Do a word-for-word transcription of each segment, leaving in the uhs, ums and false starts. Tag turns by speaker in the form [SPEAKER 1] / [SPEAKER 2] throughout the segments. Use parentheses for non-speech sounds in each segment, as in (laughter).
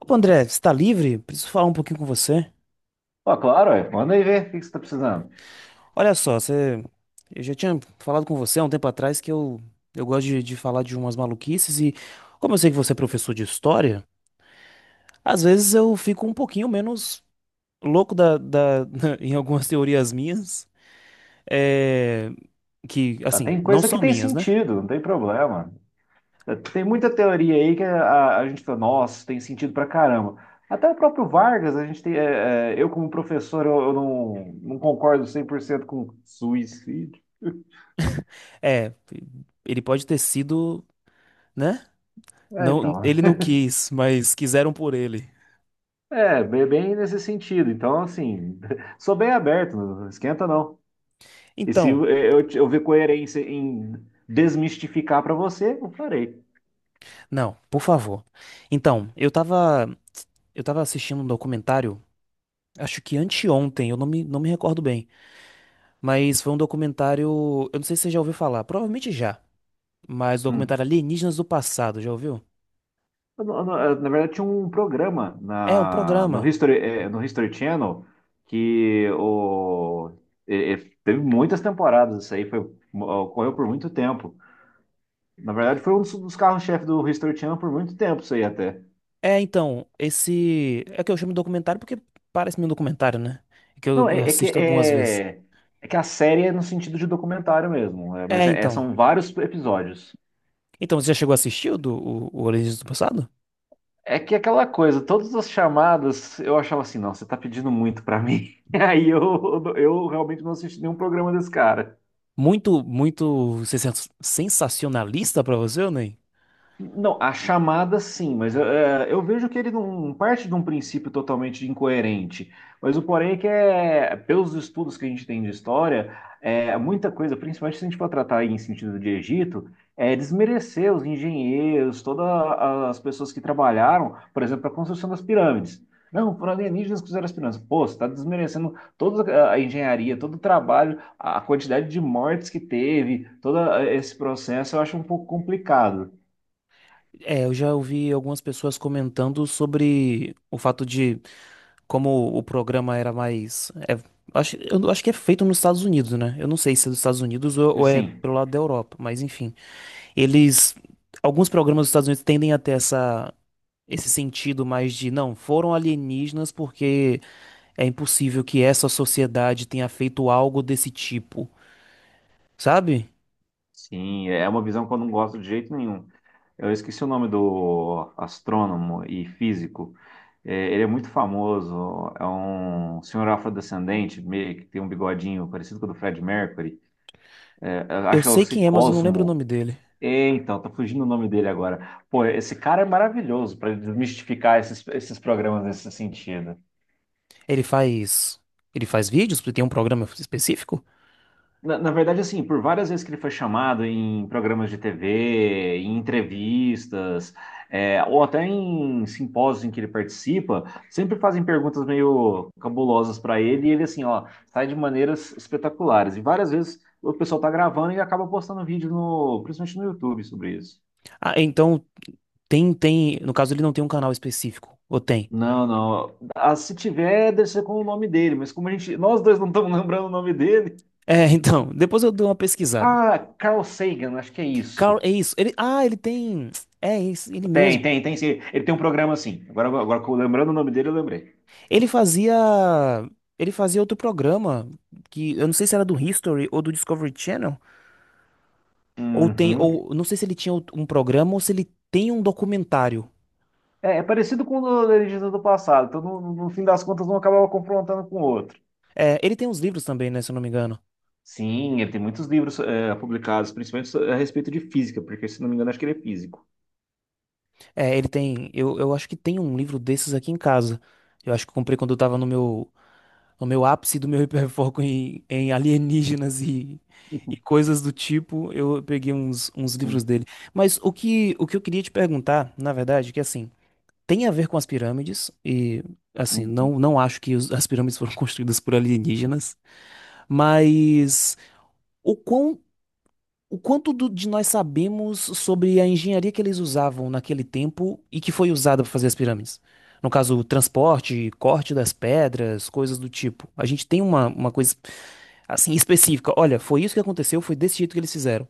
[SPEAKER 1] Opa, André, você tá livre? Preciso falar um pouquinho com você.
[SPEAKER 2] Ó, claro, ué. Manda aí ver o que que você tá precisando.
[SPEAKER 1] Olha só, você... eu já tinha falado com você há um tempo atrás que eu, eu gosto de, de falar de umas maluquices e, como eu sei que você é professor de história, às vezes eu fico um pouquinho menos louco da, da... (laughs) Em algumas teorias minhas, é... que,
[SPEAKER 2] Tá,
[SPEAKER 1] assim,
[SPEAKER 2] tem
[SPEAKER 1] não
[SPEAKER 2] coisa que
[SPEAKER 1] são
[SPEAKER 2] tem
[SPEAKER 1] minhas, né?
[SPEAKER 2] sentido, não tem problema. É, tem muita teoria aí que a, a gente fala, nossa, tem sentido pra caramba. Até o próprio Vargas, a gente tem, é, é, eu como professor, eu, eu não, não concordo cem por cento com suicídio.
[SPEAKER 1] É, ele pode ter sido, né?
[SPEAKER 2] É,
[SPEAKER 1] Não,
[SPEAKER 2] então,
[SPEAKER 1] ele não quis, mas quiseram por ele.
[SPEAKER 2] (laughs) é, bem, bem nesse sentido. Então, assim, (laughs) sou bem aberto, não esquenta não. E se
[SPEAKER 1] Então.
[SPEAKER 2] eu, eu, eu ver coerência em desmistificar pra você, eu farei.
[SPEAKER 1] Não, por favor. Então, eu tava, eu tava assistindo um documentário, acho que anteontem, eu não me, não me recordo bem, mas foi um documentário, eu não sei se você já ouviu falar, provavelmente já, mas o
[SPEAKER 2] Hum.
[SPEAKER 1] documentário Alienígenas do Passado, já ouviu?
[SPEAKER 2] Eu não- eu não- eu, Na verdade, tinha um programa
[SPEAKER 1] É um
[SPEAKER 2] na, no
[SPEAKER 1] programa.
[SPEAKER 2] History, eh, no History Channel que o, eh, eh, teve muitas temporadas. Isso aí foi, ocorreu por muito tempo. Na verdade, foi um dos, dos carros-chefe do History Channel por muito tempo, isso aí até.
[SPEAKER 1] É, então, esse é que eu chamo de documentário porque parece-me um documentário, né? Que eu
[SPEAKER 2] Não,
[SPEAKER 1] eu
[SPEAKER 2] é, é que,
[SPEAKER 1] assisto algumas vezes.
[SPEAKER 2] é, é que a série é no sentido de documentário mesmo, é,
[SPEAKER 1] É,
[SPEAKER 2] mas é- é-
[SPEAKER 1] então.
[SPEAKER 2] são vários episódios.
[SPEAKER 1] Então, você já chegou a assistir o do o, o Alienígenas do Passado?
[SPEAKER 2] É que aquela coisa, todas as chamadas, eu achava assim, não, você tá pedindo muito pra mim. (laughs) Aí eu, eu realmente não assisti nenhum programa desse cara.
[SPEAKER 1] Muito, muito sensa- sensacionalista pra você, ou nem?
[SPEAKER 2] Não, a chamada sim, mas é, eu vejo que ele não parte de um princípio totalmente incoerente. Mas o porém é que é, pelos estudos que a gente tem de história, é, muita coisa, principalmente se a gente for tratar em sentido de Egito, é desmerecer os engenheiros, todas as pessoas que trabalharam, por exemplo, para a construção das pirâmides. Não, foram alienígenas que fizeram as pirâmides. Pô, você está desmerecendo toda a engenharia, todo o trabalho, a quantidade de mortes que teve, todo eh, esse processo, eu acho um pouco complicado.
[SPEAKER 1] É, eu já ouvi algumas pessoas comentando sobre o fato de como o programa era mais. É, acho, eu não- acho que é feito nos Estados Unidos, né? Eu não sei se é dos Estados Unidos ou, ou é
[SPEAKER 2] Sim,
[SPEAKER 1] pelo lado da Europa, mas enfim. Eles. Alguns programas dos Estados Unidos tendem a ter essa, esse sentido mais de, não, foram alienígenas porque é impossível que essa sociedade tenha feito algo desse tipo, sabe?
[SPEAKER 2] sim, é uma visão que eu não gosto de jeito nenhum. Eu esqueci o nome do astrônomo e físico. É, ele é muito famoso, é um senhor afrodescendente, meio que tem um bigodinho parecido com o do Fred Mercury. É, eu
[SPEAKER 1] Eu
[SPEAKER 2] acho que é o
[SPEAKER 1] sei
[SPEAKER 2] C-
[SPEAKER 1] quem é, mas eu não lembro o
[SPEAKER 2] Cosmo.
[SPEAKER 1] nome dele.
[SPEAKER 2] É, então, tá fugindo o nome dele agora. Pô, esse cara é maravilhoso para desmistificar esses, esses programas nesse sentido.
[SPEAKER 1] Ele faz. Ele faz vídeos? Porque tem um programa específico?
[SPEAKER 2] Na, na verdade, assim, por várias vezes que ele foi chamado em programas de T V, em entrevistas, é, ou até em simpósios em que ele participa, sempre fazem perguntas meio cabulosas para ele e ele, assim, ó, sai de maneiras espetaculares. E várias vezes o pessoal tá gravando e acaba postando vídeo no, principalmente no YouTube sobre isso.
[SPEAKER 1] Ah, então tem, tem. No caso, ele não tem um canal específico. Ou tem?
[SPEAKER 2] Não, não. Ah, se tiver, deve ser com o nome dele, mas como a gente, nós dois não estamos (laughs) lembrando o nome dele.
[SPEAKER 1] É, (laughs) então, depois eu dou uma pesquisada.
[SPEAKER 2] Ah, Carl Sagan, acho que é
[SPEAKER 1] Carl,
[SPEAKER 2] isso.
[SPEAKER 1] é isso. Ele, ah, ele tem. É isso, ele
[SPEAKER 2] Tem,
[SPEAKER 1] mesmo.
[SPEAKER 2] tem, tem sim. Ele tem um programa assim. Agora, agora que eu- lembrando o nome dele, eu lembrei.
[SPEAKER 1] Ele fazia. Ele fazia outro programa que eu não sei se era do History ou do Discovery Channel. Ou tem,
[SPEAKER 2] Uhum.
[SPEAKER 1] ou não sei se ele tinha um programa ou se ele tem um documentário.
[SPEAKER 2] É, é parecido com o do Legenda do Passado. Então, no, no fim das contas, um acabava confrontando com o outro.
[SPEAKER 1] É, ele tem uns livros também, né, se eu não me engano.
[SPEAKER 2] Sim, ele tem muitos livros é, publicados, principalmente a respeito de física, porque, se não me engano, acho que ele é físico.
[SPEAKER 1] É, ele tem, eu, eu acho que tem um livro desses aqui em casa. Eu acho que eu comprei quando eu tava no meu, no meu ápice do meu hiperfoco em, em alienígenas e, e coisas do tipo. Eu peguei uns, uns livros dele. Mas o que, o que eu queria te perguntar, na verdade, é que assim, tem a ver com as pirâmides e assim, não,
[SPEAKER 2] (laughs)
[SPEAKER 1] não acho que os- as pirâmides foram (laughs) construídas por alienígenas, mas o quão o quanto do- de nós sabemos sobre a engenharia que eles usavam naquele tempo e que foi usada para fazer as pirâmides? No caso, transporte, corte das pedras, coisas do tipo. A gente tem uma, uma coisa assim específica. Olha, foi isso que aconteceu, foi desse jeito que eles fizeram.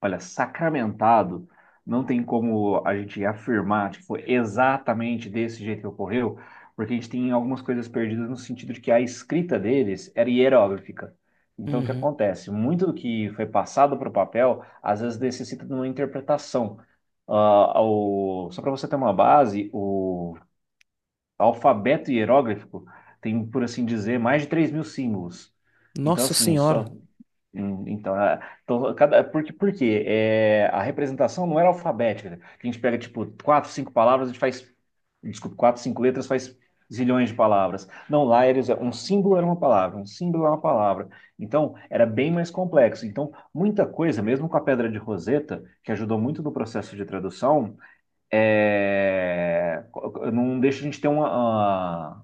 [SPEAKER 2] Olha, sacramentado, não tem como a gente afirmar, tipo, exatamente desse jeito que ocorreu, porque a gente tem algumas coisas perdidas no sentido de que a escrita deles era hieróglifica. Então, o que
[SPEAKER 1] Uhum.
[SPEAKER 2] acontece? Muito do que foi passado para o papel, às vezes necessita de uma interpretação. Ah, o- Só para você ter uma base, o alfabeto hieróglifico tem, por assim dizer, mais de três mil símbolos. Então,
[SPEAKER 1] Nossa
[SPEAKER 2] assim,
[SPEAKER 1] Senhora.
[SPEAKER 2] só hum, então, a- então, cada, porque, porque é, a representação não era alfabética, né? A gente pega, tipo, quatro, cinco palavras, a gente faz, desculpa, quatro, cinco letras, faz zilhões de palavras. Não, lá eles, um símbolo era uma palavra, um símbolo era uma palavra. Então, era bem mais complexo. Então, muita coisa, mesmo com a Pedra de Roseta, que ajudou muito no processo de tradução, é, co- co- não deixa a gente ter uma, ah,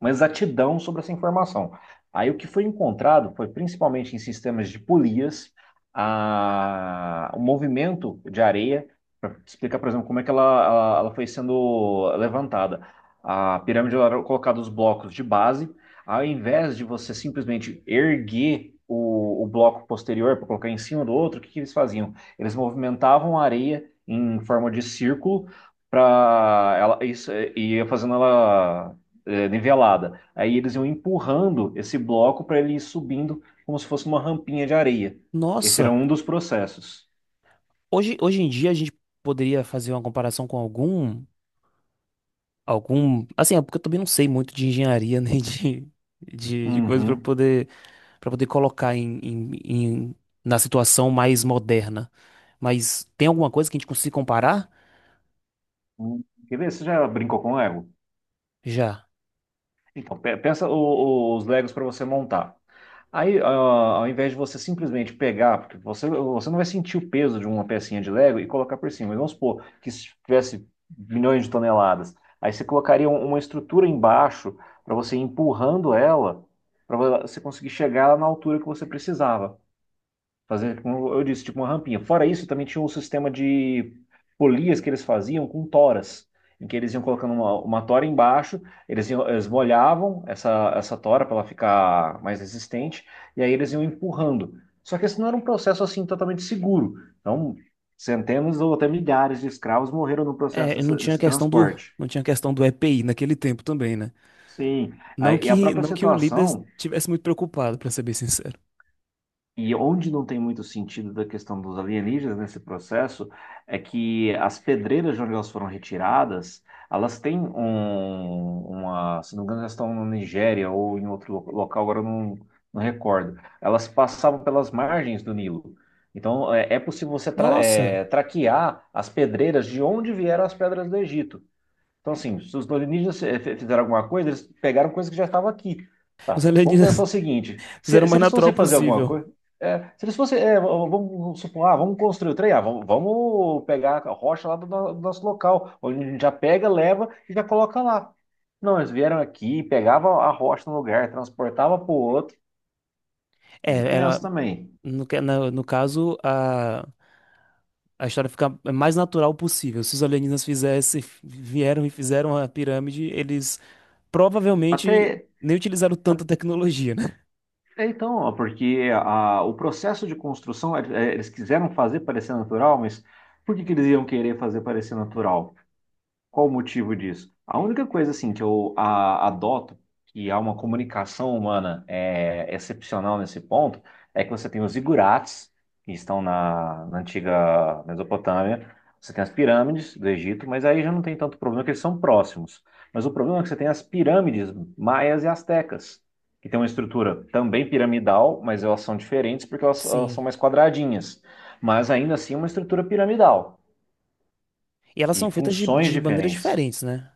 [SPEAKER 2] uma exatidão sobre essa informação. Aí o que foi encontrado foi principalmente em sistemas de polias, a, o movimento de areia, para explicar, por exemplo, como é que ela, ela, ela foi sendo levantada. A pirâmide era colocada os blocos de base, ao invés de você simplesmente erguer o, o bloco posterior para colocar em cima do outro, o que, que eles faziam? Eles movimentavam a areia em forma de círculo para ela isso, e ia fazendo ela é, nivelada. Aí eles iam empurrando esse bloco para ele ir subindo como se fosse uma rampinha de areia. Esse era
[SPEAKER 1] Nossa.
[SPEAKER 2] um dos processos.
[SPEAKER 1] Hoje, hoje em dia a gente poderia fazer uma comparação com algum, algum, assim, é porque eu também não sei muito de engenharia (laughs) nem de, de, de coisa para
[SPEAKER 2] Uhum.
[SPEAKER 1] poder pra poder colocar em, em- em- na situação mais moderna. Mas tem alguma coisa que a gente consiga comparar?
[SPEAKER 2] Hum. Quer ver? Você já brincou com Lego?
[SPEAKER 1] Já.
[SPEAKER 2] Então, pe- pensa o- os Legos para você montar. Aí, ah, ao invés de você simplesmente pegar, porque você, você não vai sentir o peso de uma pecinha de Lego e colocar por cima. Mas vamos supor que se tivesse milhões de toneladas, aí você colocaria um- uma estrutura embaixo para você ir empurrando ela, para você conseguir chegar na altura que você precisava. Fazer, como eu disse, tipo uma rampinha. Fora isso, também tinha um sistema de polias que eles faziam com toras, em que eles iam colocando uma, uma tora embaixo, eles, iam- eles molhavam essa, essa tora para ela ficar mais resistente, e aí eles iam empurrando. Só que esse não era um processo assim totalmente seguro. Então, centenas ou até milhares de escravos morreram no processo
[SPEAKER 1] É, eu não
[SPEAKER 2] dessa-
[SPEAKER 1] tinha
[SPEAKER 2] desse
[SPEAKER 1] questão do
[SPEAKER 2] transporte.
[SPEAKER 1] não tinha questão do E P I naquele tempo também, né?
[SPEAKER 2] Sim,
[SPEAKER 1] Não
[SPEAKER 2] aí, e a
[SPEAKER 1] que
[SPEAKER 2] própria
[SPEAKER 1] não que o líder
[SPEAKER 2] situação.
[SPEAKER 1] estivesse muito preocupado, pra ser bem sincero.
[SPEAKER 2] E onde não tem muito sentido da questão dos alienígenas nesse processo é que as pedreiras de onde elas foram retiradas, elas têm um, uma, se não me engano, elas estão na Nigéria ou em outro lo- local, agora eu não, não recordo. Elas passavam pelas margens do Nilo. Então é, é possível você tra-
[SPEAKER 1] Nossa,
[SPEAKER 2] é, traquear as pedreiras de onde vieram as pedras do Egito. Então, assim, se os alienígenas eh, fe- fizeram alguma coisa, eles pegaram coisa que já estava aqui. Tá,
[SPEAKER 1] os
[SPEAKER 2] vamos pensar
[SPEAKER 1] alienígenas
[SPEAKER 2] o seguinte:
[SPEAKER 1] (laughs) fizeram
[SPEAKER 2] se,
[SPEAKER 1] o
[SPEAKER 2] se
[SPEAKER 1] mais
[SPEAKER 2] eles
[SPEAKER 1] natural
[SPEAKER 2] fossem fazer alguma
[SPEAKER 1] possível.
[SPEAKER 2] coisa, eh, se eles fossem, eh, v- vamos supor, ah, vamos construir o trem, ah, vamos, vamos pegar a rocha lá do, no- do nosso local, onde a gente já pega, leva e já coloca lá. Não, eles vieram aqui, pegavam a rocha no lugar, transportava para o outro,
[SPEAKER 1] É,
[SPEAKER 2] meio
[SPEAKER 1] era
[SPEAKER 2] tenso também.
[SPEAKER 1] no, ca- na- no caso a a história fica mais natural possível. Se os alienígenas fizessem, vieram e fizeram a pirâmide, eles provavelmente
[SPEAKER 2] Até,
[SPEAKER 1] nem utilizaram tanta tecnologia, né?
[SPEAKER 2] é, então, ó, porque a- o processo de construção, é, é, eles quiseram fazer parecer natural, mas por que que eles iam querer fazer parecer natural? Qual o motivo disso? A única coisa assim que eu a- adoto, que há uma comunicação humana é, excepcional nesse ponto, é que você tem os zigurates, que estão na, na antiga Mesopotâmia, você tem as pirâmides do Egito, mas aí já não tem tanto problema, que eles são próximos. Mas o problema é que você tem as pirâmides maias e astecas, que tem uma estrutura também piramidal, mas elas são diferentes porque elas elas
[SPEAKER 1] Sim.
[SPEAKER 2] são mais quadradinhas, mas ainda assim é uma estrutura piramidal
[SPEAKER 1] E elas
[SPEAKER 2] e
[SPEAKER 1] são feitas de,
[SPEAKER 2] funções
[SPEAKER 1] de maneiras
[SPEAKER 2] diferentes.
[SPEAKER 1] diferentes, né?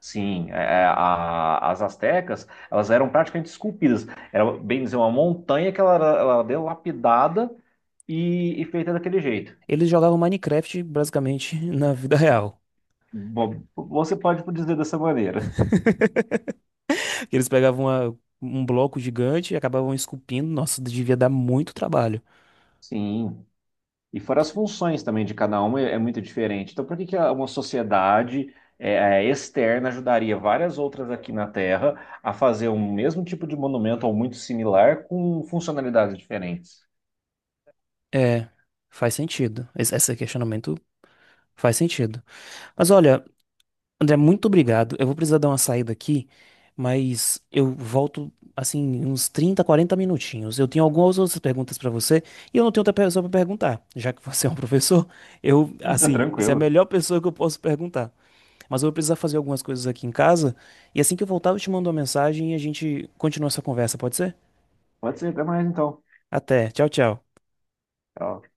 [SPEAKER 2] Sim, é, é, a- as astecas, elas eram praticamente esculpidas. Era, bem dizer, uma montanha que ela, era- ela deu lapidada e, e feita daquele jeito.
[SPEAKER 1] Eles jogavam Minecraft basicamente (laughs) na vida real.
[SPEAKER 2] Bo- Você pode dizer dessa maneira.
[SPEAKER 1] (laughs) Eles pegavam uma- um bloco gigante e acabavam esculpindo. Nossa, devia dar muito trabalho.
[SPEAKER 2] Sim. E fora as funções também de cada uma, é é muito diferente. Então, por que que a- uma sociedade é, é, externa ajudaria várias outras aqui na Terra a fazer o mesmo tipo de monumento ou muito similar com funcionalidades diferentes?
[SPEAKER 1] É, faz sentido. Esse, esse questionamento faz sentido. Mas olha, André, muito obrigado. Eu vou precisar dar uma saída aqui, mas eu volto assim uns trinta, quarenta minutinhos. Eu tenho algumas outras perguntas pra você e eu não tenho outra pessoa pra perguntar, já que você é um (laughs) professor. Eu,
[SPEAKER 2] (laughs) Tá,
[SPEAKER 1] assim, você é a
[SPEAKER 2] tranquilo.
[SPEAKER 1] melhor pessoa que eu posso perguntar. Mas eu vou precisar fazer algumas coisas aqui em casa e assim que eu voltar eu te mando uma mensagem e a gente continua essa conversa, pode ser?
[SPEAKER 2] Pode ser, até mais então.
[SPEAKER 1] Até. Tchau, tchau.
[SPEAKER 2] Tchau.